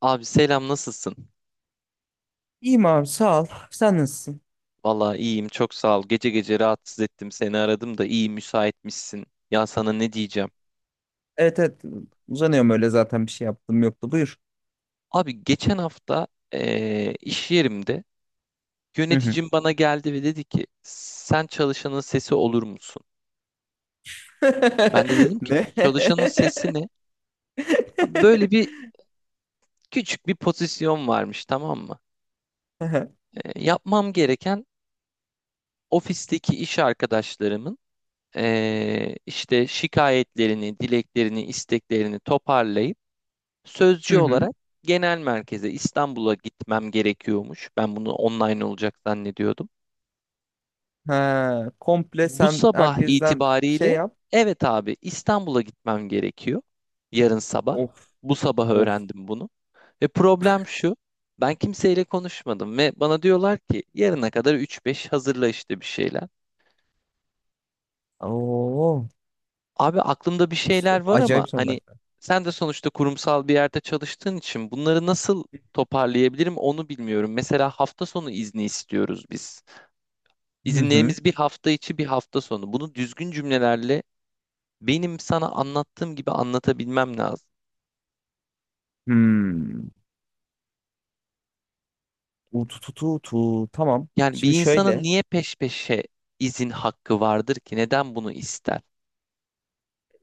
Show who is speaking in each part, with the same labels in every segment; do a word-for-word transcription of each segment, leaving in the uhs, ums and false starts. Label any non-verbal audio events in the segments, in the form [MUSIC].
Speaker 1: Abi, selam nasılsın?
Speaker 2: İyiyim abi sağ ol. Sen nasılsın?
Speaker 1: Vallahi iyiyim, çok sağ ol. Gece gece rahatsız ettim, seni aradım da iyi müsaitmişsin. Ya sana ne diyeceğim?
Speaker 2: Evet evet uzanıyorum öyle zaten bir şey yaptım yoktu. Buyur.
Speaker 1: Abi, geçen hafta eee, iş yerimde
Speaker 2: Hı hı.
Speaker 1: yöneticim bana geldi ve dedi ki, sen çalışanın sesi olur musun? Ben de dedim
Speaker 2: [LAUGHS]
Speaker 1: ki,
Speaker 2: Ne?
Speaker 1: çalışanın sesi ne? Abi, böyle bir
Speaker 2: [LAUGHS]
Speaker 1: küçük bir pozisyon varmış, tamam mı? Eee, yapmam gereken ofisteki iş arkadaşlarımın eee, işte şikayetlerini, dileklerini, isteklerini toparlayıp sözcü
Speaker 2: Hı hı.
Speaker 1: olarak genel merkeze, İstanbul'a gitmem gerekiyormuş. Ben bunu online olacak zannediyordum.
Speaker 2: Ha, komple
Speaker 1: Bu
Speaker 2: sen
Speaker 1: sabah
Speaker 2: herkesten şey
Speaker 1: itibariyle,
Speaker 2: yap.
Speaker 1: evet abi, İstanbul'a gitmem gerekiyor. Yarın sabah.
Speaker 2: Of
Speaker 1: Bu sabah
Speaker 2: of.
Speaker 1: öğrendim bunu. Ve problem şu. Ben kimseyle konuşmadım ve bana diyorlar ki yarına kadar üç beş hazırla işte bir şeyler.
Speaker 2: Oo.
Speaker 1: Abi, aklımda bir şeyler var ama
Speaker 2: Acayip sorular.
Speaker 1: hani, sen de sonuçta kurumsal bir yerde çalıştığın için bunları nasıl toparlayabilirim onu bilmiyorum. Mesela hafta sonu izni istiyoruz biz.
Speaker 2: Hı hı.
Speaker 1: İzinlerimiz bir hafta içi bir hafta sonu. Bunu düzgün cümlelerle, benim sana anlattığım gibi anlatabilmem lazım.
Speaker 2: Hmm. Utu tu tu tu. Tamam.
Speaker 1: Yani bir
Speaker 2: Şimdi
Speaker 1: insanın
Speaker 2: şöyle.
Speaker 1: niye peş peşe izin hakkı vardır ki? Neden bunu ister?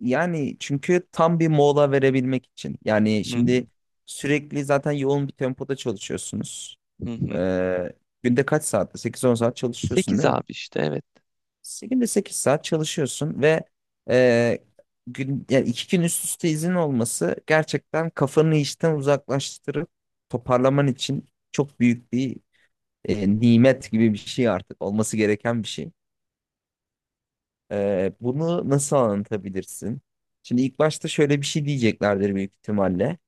Speaker 2: Yani çünkü tam bir mola verebilmek için. Yani
Speaker 1: Hı hı,
Speaker 2: şimdi sürekli zaten yoğun bir tempoda çalışıyorsunuz.
Speaker 1: hı hı.
Speaker 2: Ee, Günde kaç saatte? sekiz on saat çalışıyorsun
Speaker 1: Sekiz
Speaker 2: değil mi?
Speaker 1: abi, işte evet.
Speaker 2: Se- Günde sekiz saat çalışıyorsun ve e, gün, yani iki gün üst üste izin olması gerçekten kafanı işten uzaklaştırıp toparlaman için çok büyük bir e, nimet gibi bir şey, artık olması gereken bir şey. Ee, bunu nasıl anlatabilirsin? Şimdi ilk başta şöyle bir şey diyeceklerdir büyük ihtimalle.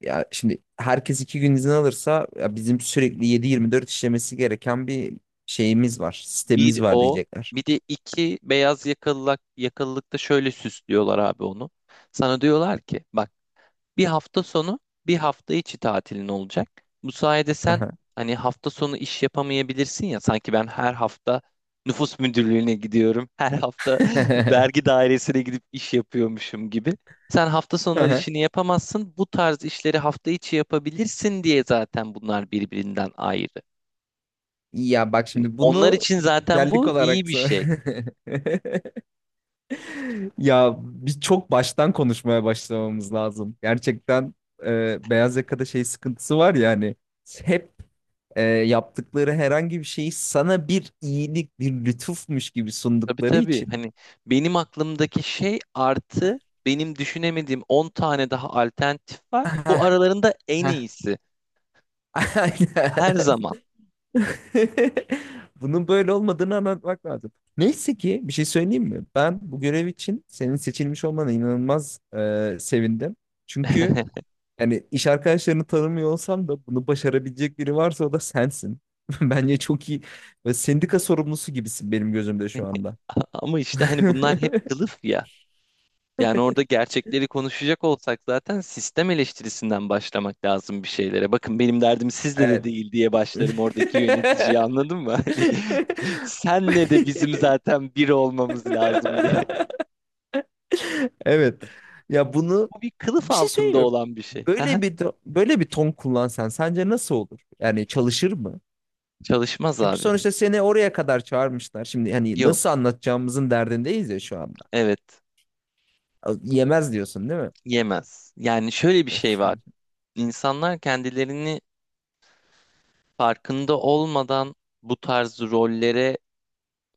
Speaker 2: Ya şimdi herkes iki gün izin alırsa ya bizim sürekli yedi yirmi dört işlemesi gereken bir şeyimiz var.
Speaker 1: Bir
Speaker 2: Sistemimiz var
Speaker 1: o.
Speaker 2: diyecekler.
Speaker 1: Bir de iki beyaz yakalılık, yakalılıkta şöyle süslüyorlar abi onu. Sana diyorlar ki, bak, bir hafta sonu bir hafta içi tatilin olacak. Bu sayede sen
Speaker 2: Aha.
Speaker 1: hani hafta sonu iş yapamayabilirsin ya, sanki ben her hafta nüfus müdürlüğüne gidiyorum. Her hafta [LAUGHS] vergi
Speaker 2: [LAUGHS]
Speaker 1: dairesine gidip iş yapıyormuşum gibi. Sen hafta sonları
Speaker 2: Aha.
Speaker 1: işini yapamazsın. Bu tarz işleri hafta içi yapabilirsin diye zaten bunlar birbirinden ayrı.
Speaker 2: Ya bak
Speaker 1: Şimdi
Speaker 2: şimdi
Speaker 1: onlar
Speaker 2: bunu
Speaker 1: için
Speaker 2: bir
Speaker 1: zaten
Speaker 2: güzellik
Speaker 1: bu
Speaker 2: olarak
Speaker 1: iyi bir şey.
Speaker 2: sa- [LAUGHS] Ya bir çok baştan konuşmaya başlamamız lazım. Gerçekten e, beyaz yakada şey sıkıntısı var ya, hani hep e, yaptıkları herhangi bir şeyi sana bir iyilik, bir lütufmuş gibi
Speaker 1: Tabii
Speaker 2: sundukları
Speaker 1: tabii.
Speaker 2: için.
Speaker 1: Hani benim aklımdaki şey artı benim düşünemediğim on tane daha alternatif var. Bu
Speaker 2: [LAUGHS]
Speaker 1: aralarında en iyisi.
Speaker 2: Aynen.
Speaker 1: Her zaman.
Speaker 2: [LAUGHS] Bunun böyle olmadığını anlatmak lazım. Neyse ki, bir şey söyleyeyim mi? Ben bu görev için senin seçilmiş olmana inanılmaz e, sevindim. Çünkü
Speaker 1: [LAUGHS]
Speaker 2: yani iş arkadaşlarını tanımıyor olsam da bunu başarabilecek biri varsa, o da sensin. [LAUGHS] Bence çok iyi. Ve sendika sorumlusu gibisin benim gözümde şu anda.
Speaker 1: Ama işte hani bunlar hep
Speaker 2: [LAUGHS]
Speaker 1: kılıf ya. Yani orada gerçekleri konuşacak olsak zaten sistem eleştirisinden başlamak lazım bir şeylere. Bakın benim derdim sizle de
Speaker 2: Evet.
Speaker 1: değil diye başlarım oradaki yöneticiyi, anladın mı? [LAUGHS] Hani senle de bizim zaten bir olmamız lazım diye.
Speaker 2: [LAUGHS] [LAUGHS] Evet. Ya bunu,
Speaker 1: Bu bir kılıf
Speaker 2: bir şey
Speaker 1: altında
Speaker 2: söyleyeyim mi?
Speaker 1: olan bir şey.
Speaker 2: Böyle bir böyle bir ton kullansan sence nasıl olur? Yani çalışır mı?
Speaker 1: [LAUGHS] Çalışmaz
Speaker 2: Çünkü
Speaker 1: abi.
Speaker 2: sonuçta seni oraya kadar çağırmışlar. Şimdi hani nasıl
Speaker 1: Yok.
Speaker 2: anlatacağımızın derdindeyiz ya şu anda.
Speaker 1: Evet,
Speaker 2: Yemez diyorsun değil mi?
Speaker 1: yemez. Yani şöyle bir şey var.
Speaker 2: Hı
Speaker 1: İnsanlar kendilerini farkında olmadan bu tarz rollere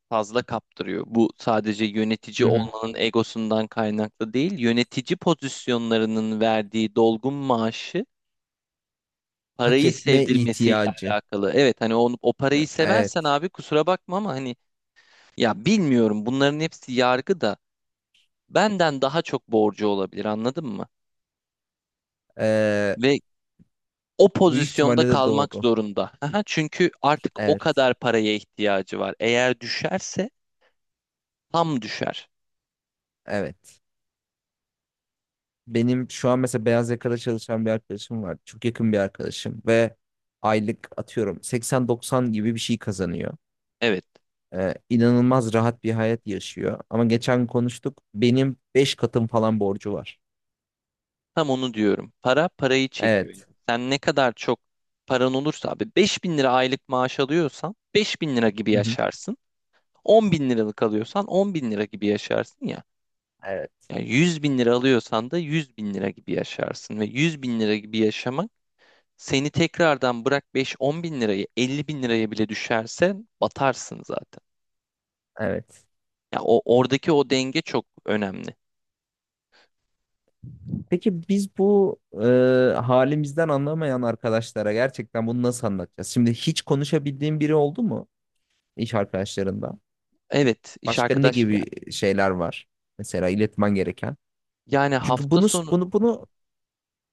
Speaker 1: fazla kaptırıyor. Bu sadece yönetici
Speaker 2: hı. Hı.
Speaker 1: olmanın egosundan kaynaklı değil, yönetici pozisyonlarının verdiği dolgun maaşı,
Speaker 2: Hak
Speaker 1: parayı
Speaker 2: etme
Speaker 1: sevdirmesiyle
Speaker 2: ihtiyacı.
Speaker 1: alakalı. Evet, hani onu, o parayı seversen
Speaker 2: Evet.
Speaker 1: abi kusura bakma ama hani, ya bilmiyorum, bunların hepsi yargı da benden daha çok borcu olabilir, anladın mı?
Speaker 2: Ee,
Speaker 1: Ve o
Speaker 2: Bu
Speaker 1: pozisyonda
Speaker 2: ihtimalle de
Speaker 1: kalmak
Speaker 2: doğru.
Speaker 1: zorunda. Aha, çünkü artık o
Speaker 2: Evet.
Speaker 1: kadar paraya ihtiyacı var. Eğer düşerse tam düşer.
Speaker 2: Evet. Benim şu an mesela beyaz yakada çalışan bir arkadaşım var. Çok yakın bir arkadaşım ve aylık atıyorum seksen doksan gibi bir şey kazanıyor.
Speaker 1: Evet,
Speaker 2: Ee, inanılmaz rahat bir hayat yaşıyor. Ama geçen konuştuk. Benim beş katım falan borcu var.
Speaker 1: tam onu diyorum. Para parayı çekiyor.
Speaker 2: Evet.
Speaker 1: Sen ne kadar çok paran olursa abi, beş bin lira aylık maaş alıyorsan beş bin lira gibi
Speaker 2: Hı hı.
Speaker 1: yaşarsın. on bin liralık alıyorsan on bin lira gibi yaşarsın ya.
Speaker 2: Evet.
Speaker 1: Yani yüz bin lira alıyorsan da yüz bin lira gibi yaşarsın. Ve yüz bin lira gibi yaşamak seni, tekrardan bırak beş on bin lirayı, elli bin liraya bile düşerse batarsın zaten.
Speaker 2: Evet.
Speaker 1: Ya o oradaki o denge çok önemli.
Speaker 2: Peki biz bu e, halimizden anlamayan arkadaşlara gerçekten bunu nasıl anlatacağız? Şimdi hiç konuşabildiğin biri oldu mu iş arkadaşlarında?
Speaker 1: Evet, iş
Speaker 2: Başka ne
Speaker 1: arkadaşım yani.
Speaker 2: gibi şeyler var? Mesela iletmen gereken.
Speaker 1: Yani
Speaker 2: Çünkü
Speaker 1: hafta
Speaker 2: bunu
Speaker 1: sonu,
Speaker 2: bunu bunu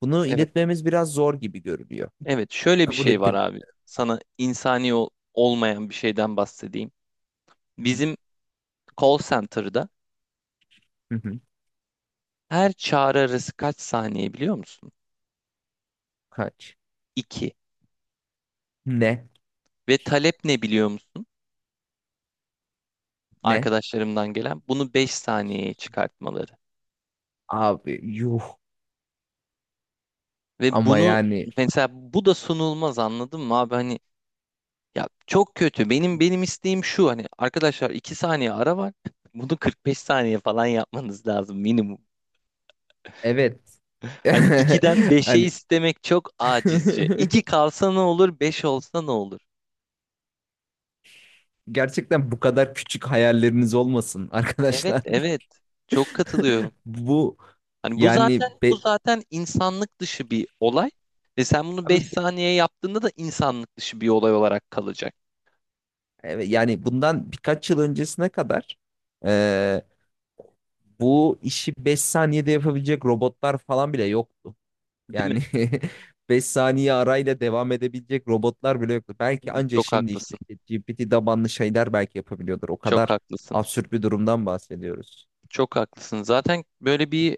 Speaker 2: bunu
Speaker 1: evet
Speaker 2: iletmemiz biraz zor gibi görünüyor.
Speaker 1: evet, şöyle bir
Speaker 2: Kabul
Speaker 1: şey var
Speaker 2: ettim.
Speaker 1: abi. Sana insani ol- olmayan bir şeyden bahsedeyim.
Speaker 2: Hı hı.
Speaker 1: Bizim call center'da
Speaker 2: Hı hı.
Speaker 1: her çağrı arası kaç saniye biliyor musun?
Speaker 2: Kaç?
Speaker 1: iki.
Speaker 2: Ne?
Speaker 1: Ve talep ne biliyor musun?
Speaker 2: Ne?
Speaker 1: Arkadaşlarımdan gelen bunu beş saniyeye çıkartmaları.
Speaker 2: Abi yuh.
Speaker 1: Ve
Speaker 2: Ama
Speaker 1: bunu
Speaker 2: yani
Speaker 1: mesela bu da sunulmaz, anladın mı abi? Hani, ya çok kötü. Benim benim isteğim şu, hani arkadaşlar iki saniye ara var. [LAUGHS] Bunu kırk beş saniye falan yapmanız lazım minimum.
Speaker 2: evet.
Speaker 1: [LAUGHS] Hani ikiden
Speaker 2: [LAUGHS]
Speaker 1: beşe
Speaker 2: Hani
Speaker 1: istemek çok
Speaker 2: [LAUGHS]
Speaker 1: acizce. iki kalsa ne olur, beş olsa ne olur?
Speaker 2: gerçekten bu kadar küçük hayalleriniz olmasın
Speaker 1: Evet,
Speaker 2: arkadaşlar.
Speaker 1: evet. Çok katılıyorum.
Speaker 2: [LAUGHS] Bu
Speaker 1: Hani bu
Speaker 2: yani
Speaker 1: zaten bu
Speaker 2: be,
Speaker 1: zaten insanlık dışı bir olay ve sen bunu beş
Speaker 2: abi
Speaker 1: saniye yaptığında da insanlık dışı bir olay olarak kalacak.
Speaker 2: evet, yani bundan birkaç yıl öncesine kadar e, bu işi beş saniyede yapabilecek robotlar falan bile yoktu.
Speaker 1: Değil
Speaker 2: Yani
Speaker 1: mi?
Speaker 2: [LAUGHS] beş saniye arayla devam edebilecek robotlar bile yoktu. Belki
Speaker 1: Değil mi?
Speaker 2: anca
Speaker 1: Çok
Speaker 2: şimdi işte
Speaker 1: haklısın.
Speaker 2: G P T tabanlı şeyler belki yapabiliyordur. O
Speaker 1: Çok
Speaker 2: kadar
Speaker 1: haklısın.
Speaker 2: absürt bir durumdan bahsediyoruz.
Speaker 1: Çok haklısın. Zaten böyle bir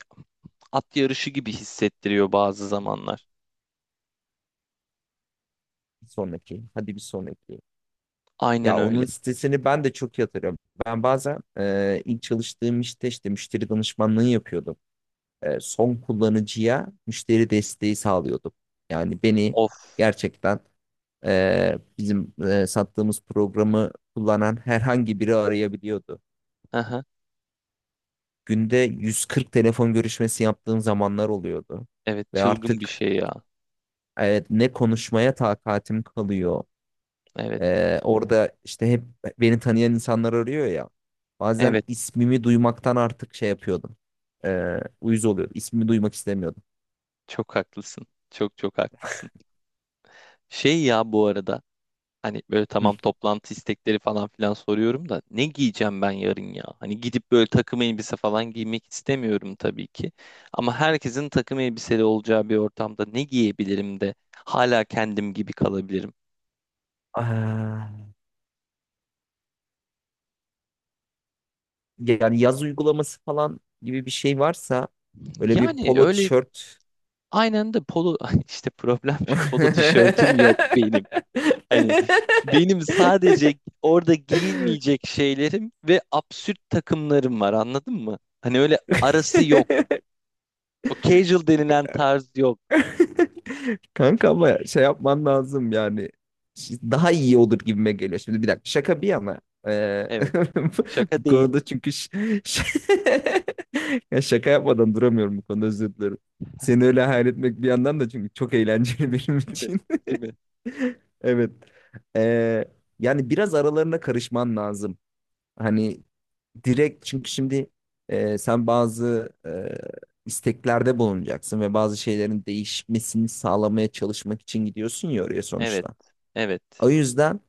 Speaker 1: at yarışı gibi hissettiriyor bazı zamanlar.
Speaker 2: Bir sonraki. Hadi bir sonraki.
Speaker 1: Aynen
Speaker 2: Ya
Speaker 1: öyle.
Speaker 2: onun sitesini ben de çok yatırıyorum. Ben bazen e, ilk çalıştığım işte işte müşteri danışmanlığı yapıyordum. E, son kullanıcıya müşteri desteği sağlıyordum. Yani beni
Speaker 1: Of.
Speaker 2: gerçekten e, bizim e, sattığımız programı kullanan herhangi biri arayabiliyordu.
Speaker 1: Aha.
Speaker 2: Günde yüz kırk telefon görüşmesi yaptığım zamanlar oluyordu.
Speaker 1: Evet,
Speaker 2: Ve
Speaker 1: çılgın bir
Speaker 2: artık
Speaker 1: şey ya.
Speaker 2: e, ne konuşmaya takatim kalıyor.
Speaker 1: Evet.
Speaker 2: Ee, orada işte hep beni tanıyan insanlar arıyor ya. Bazen
Speaker 1: Evet,
Speaker 2: ismimi duymaktan artık şey yapıyordum. Ee, uyuz oluyordum. İsmimi duymak istemiyordum.
Speaker 1: çok haklısın. Çok çok haklısın. Şey ya, bu arada hani böyle,
Speaker 2: Hı.
Speaker 1: tamam, toplantı istekleri falan filan soruyorum da ne giyeceğim ben yarın ya? Hani gidip böyle takım elbise falan giymek istemiyorum tabii ki. Ama herkesin takım elbiseli olacağı bir ortamda ne giyebilirim de hala kendim gibi kalabilirim.
Speaker 2: Ah, yani yaz uygulaması falan gibi bir şey varsa böyle bir
Speaker 1: Yani
Speaker 2: polo
Speaker 1: öyle.
Speaker 2: tişört.
Speaker 1: Aynı anda polo [LAUGHS] işte problem şu, polo tişörtüm yok benim. Hani benim sadece
Speaker 2: [LAUGHS]
Speaker 1: orada giyilmeyecek şeylerim ve absürt takımlarım var, anladın mı? Hani öyle arası yok. O casual denilen tarz yok.
Speaker 2: [LAUGHS] Kanka ama şey yapman lazım, yani daha iyi olur gibime geliyor. Şimdi bir dakika, şaka bir yana, eee,
Speaker 1: Evet.
Speaker 2: [LAUGHS]
Speaker 1: Şaka
Speaker 2: bu
Speaker 1: değil,
Speaker 2: konuda çünkü ş- ş- [LAUGHS] ya şaka yapmadan duramıyorum bu konuda, özür dilerim. Seni öyle hayal etmek bir yandan da çünkü çok eğlenceli [LAUGHS] benim
Speaker 1: değil mi?
Speaker 2: için. [LAUGHS]
Speaker 1: Değil mi?
Speaker 2: Evet. Eee, Yani biraz aralarına karışman lazım. Hani direkt, çünkü şimdi e, sen bazı e, isteklerde bulunacaksın ve bazı şeylerin değişmesini sağlamaya çalışmak için gidiyorsun ya oraya
Speaker 1: Evet.
Speaker 2: sonuçta.
Speaker 1: Evet.
Speaker 2: O yüzden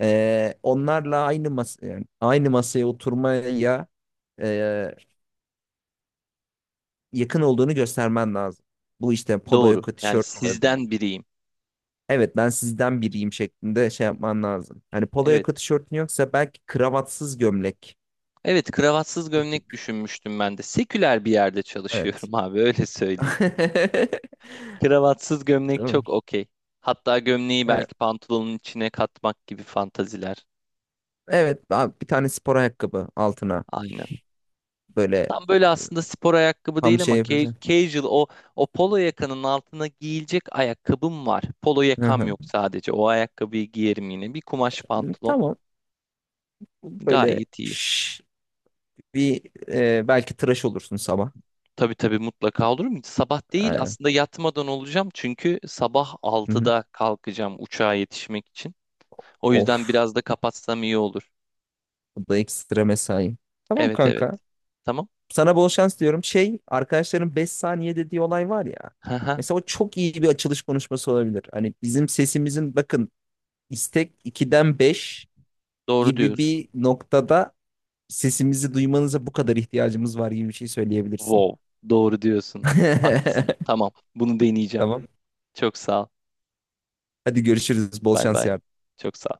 Speaker 2: e, onlarla aynı mas yani aynı masaya oturmaya e, yakın olduğunu göstermen lazım. Bu işte polo
Speaker 1: Doğru.
Speaker 2: yaka
Speaker 1: Yani
Speaker 2: tişört olabilir.
Speaker 1: sizden biriyim.
Speaker 2: Evet, ben sizden biriyim şeklinde şey yapman lazım. Hani polo
Speaker 1: Evet.
Speaker 2: yaka tişörtün yoksa belki kravatsız gömlek.
Speaker 1: Evet, kravatsız
Speaker 2: Bir
Speaker 1: gömlek
Speaker 2: tık,
Speaker 1: düşünmüştüm ben de. Seküler bir yerde
Speaker 2: evet.
Speaker 1: çalışıyorum [LAUGHS] abi, öyle söyleyeyim. Kravatsız gömlek çok
Speaker 2: [LAUGHS]
Speaker 1: okey. Hatta gömleği
Speaker 2: Tamam.
Speaker 1: belki pantolonun içine katmak gibi fantaziler.
Speaker 2: Evet abi, bir tane spor ayakkabı altına
Speaker 1: Aynen.
Speaker 2: böyle
Speaker 1: Tam böyle aslında spor ayakkabı
Speaker 2: tam
Speaker 1: değil ama
Speaker 2: şey
Speaker 1: ca-
Speaker 2: yapacağım.
Speaker 1: casual, o o polo yakanın altına giyilecek ayakkabım var. Polo
Speaker 2: Hı
Speaker 1: yakam
Speaker 2: hı.
Speaker 1: yok sadece. O ayakkabıyı giyerim yine. Bir kumaş pantolon.
Speaker 2: Tamam, böyle
Speaker 1: Gayet iyi.
Speaker 2: şş, bir e, belki tıraş olursun sabah.
Speaker 1: Tabii tabii, mutlaka, olur mu? Sabah değil
Speaker 2: Aynen.
Speaker 1: aslında, yatmadan olacağım. Çünkü sabah
Speaker 2: Hı hı.
Speaker 1: altıda kalkacağım uçağa yetişmek için. O yüzden
Speaker 2: Of,
Speaker 1: biraz da kapatsam iyi olur.
Speaker 2: bu da ekstra mesai. Tamam
Speaker 1: Evet evet.
Speaker 2: kanka,
Speaker 1: Tamam.
Speaker 2: sana bol şans diyorum. Şey, arkadaşların beş saniye dediği olay var ya.
Speaker 1: [LAUGHS]
Speaker 2: Mesela o çok iyi bir açılış konuşması olabilir. Hani bizim sesimizin, bakın, istek ikiden beş
Speaker 1: Doğru
Speaker 2: gibi
Speaker 1: diyorsun.
Speaker 2: bir noktada sesimizi duymanıza bu kadar ihtiyacımız var gibi bir şey söyleyebilirsin.
Speaker 1: Wow. Doğru diyorsun. Haklısın.
Speaker 2: [LAUGHS]
Speaker 1: Tamam. Bunu deneyeceğim.
Speaker 2: Tamam.
Speaker 1: Çok sağ ol.
Speaker 2: Hadi görüşürüz. Bol
Speaker 1: Bay
Speaker 2: şans
Speaker 1: bay.
Speaker 2: yarın.
Speaker 1: Çok sağ ol.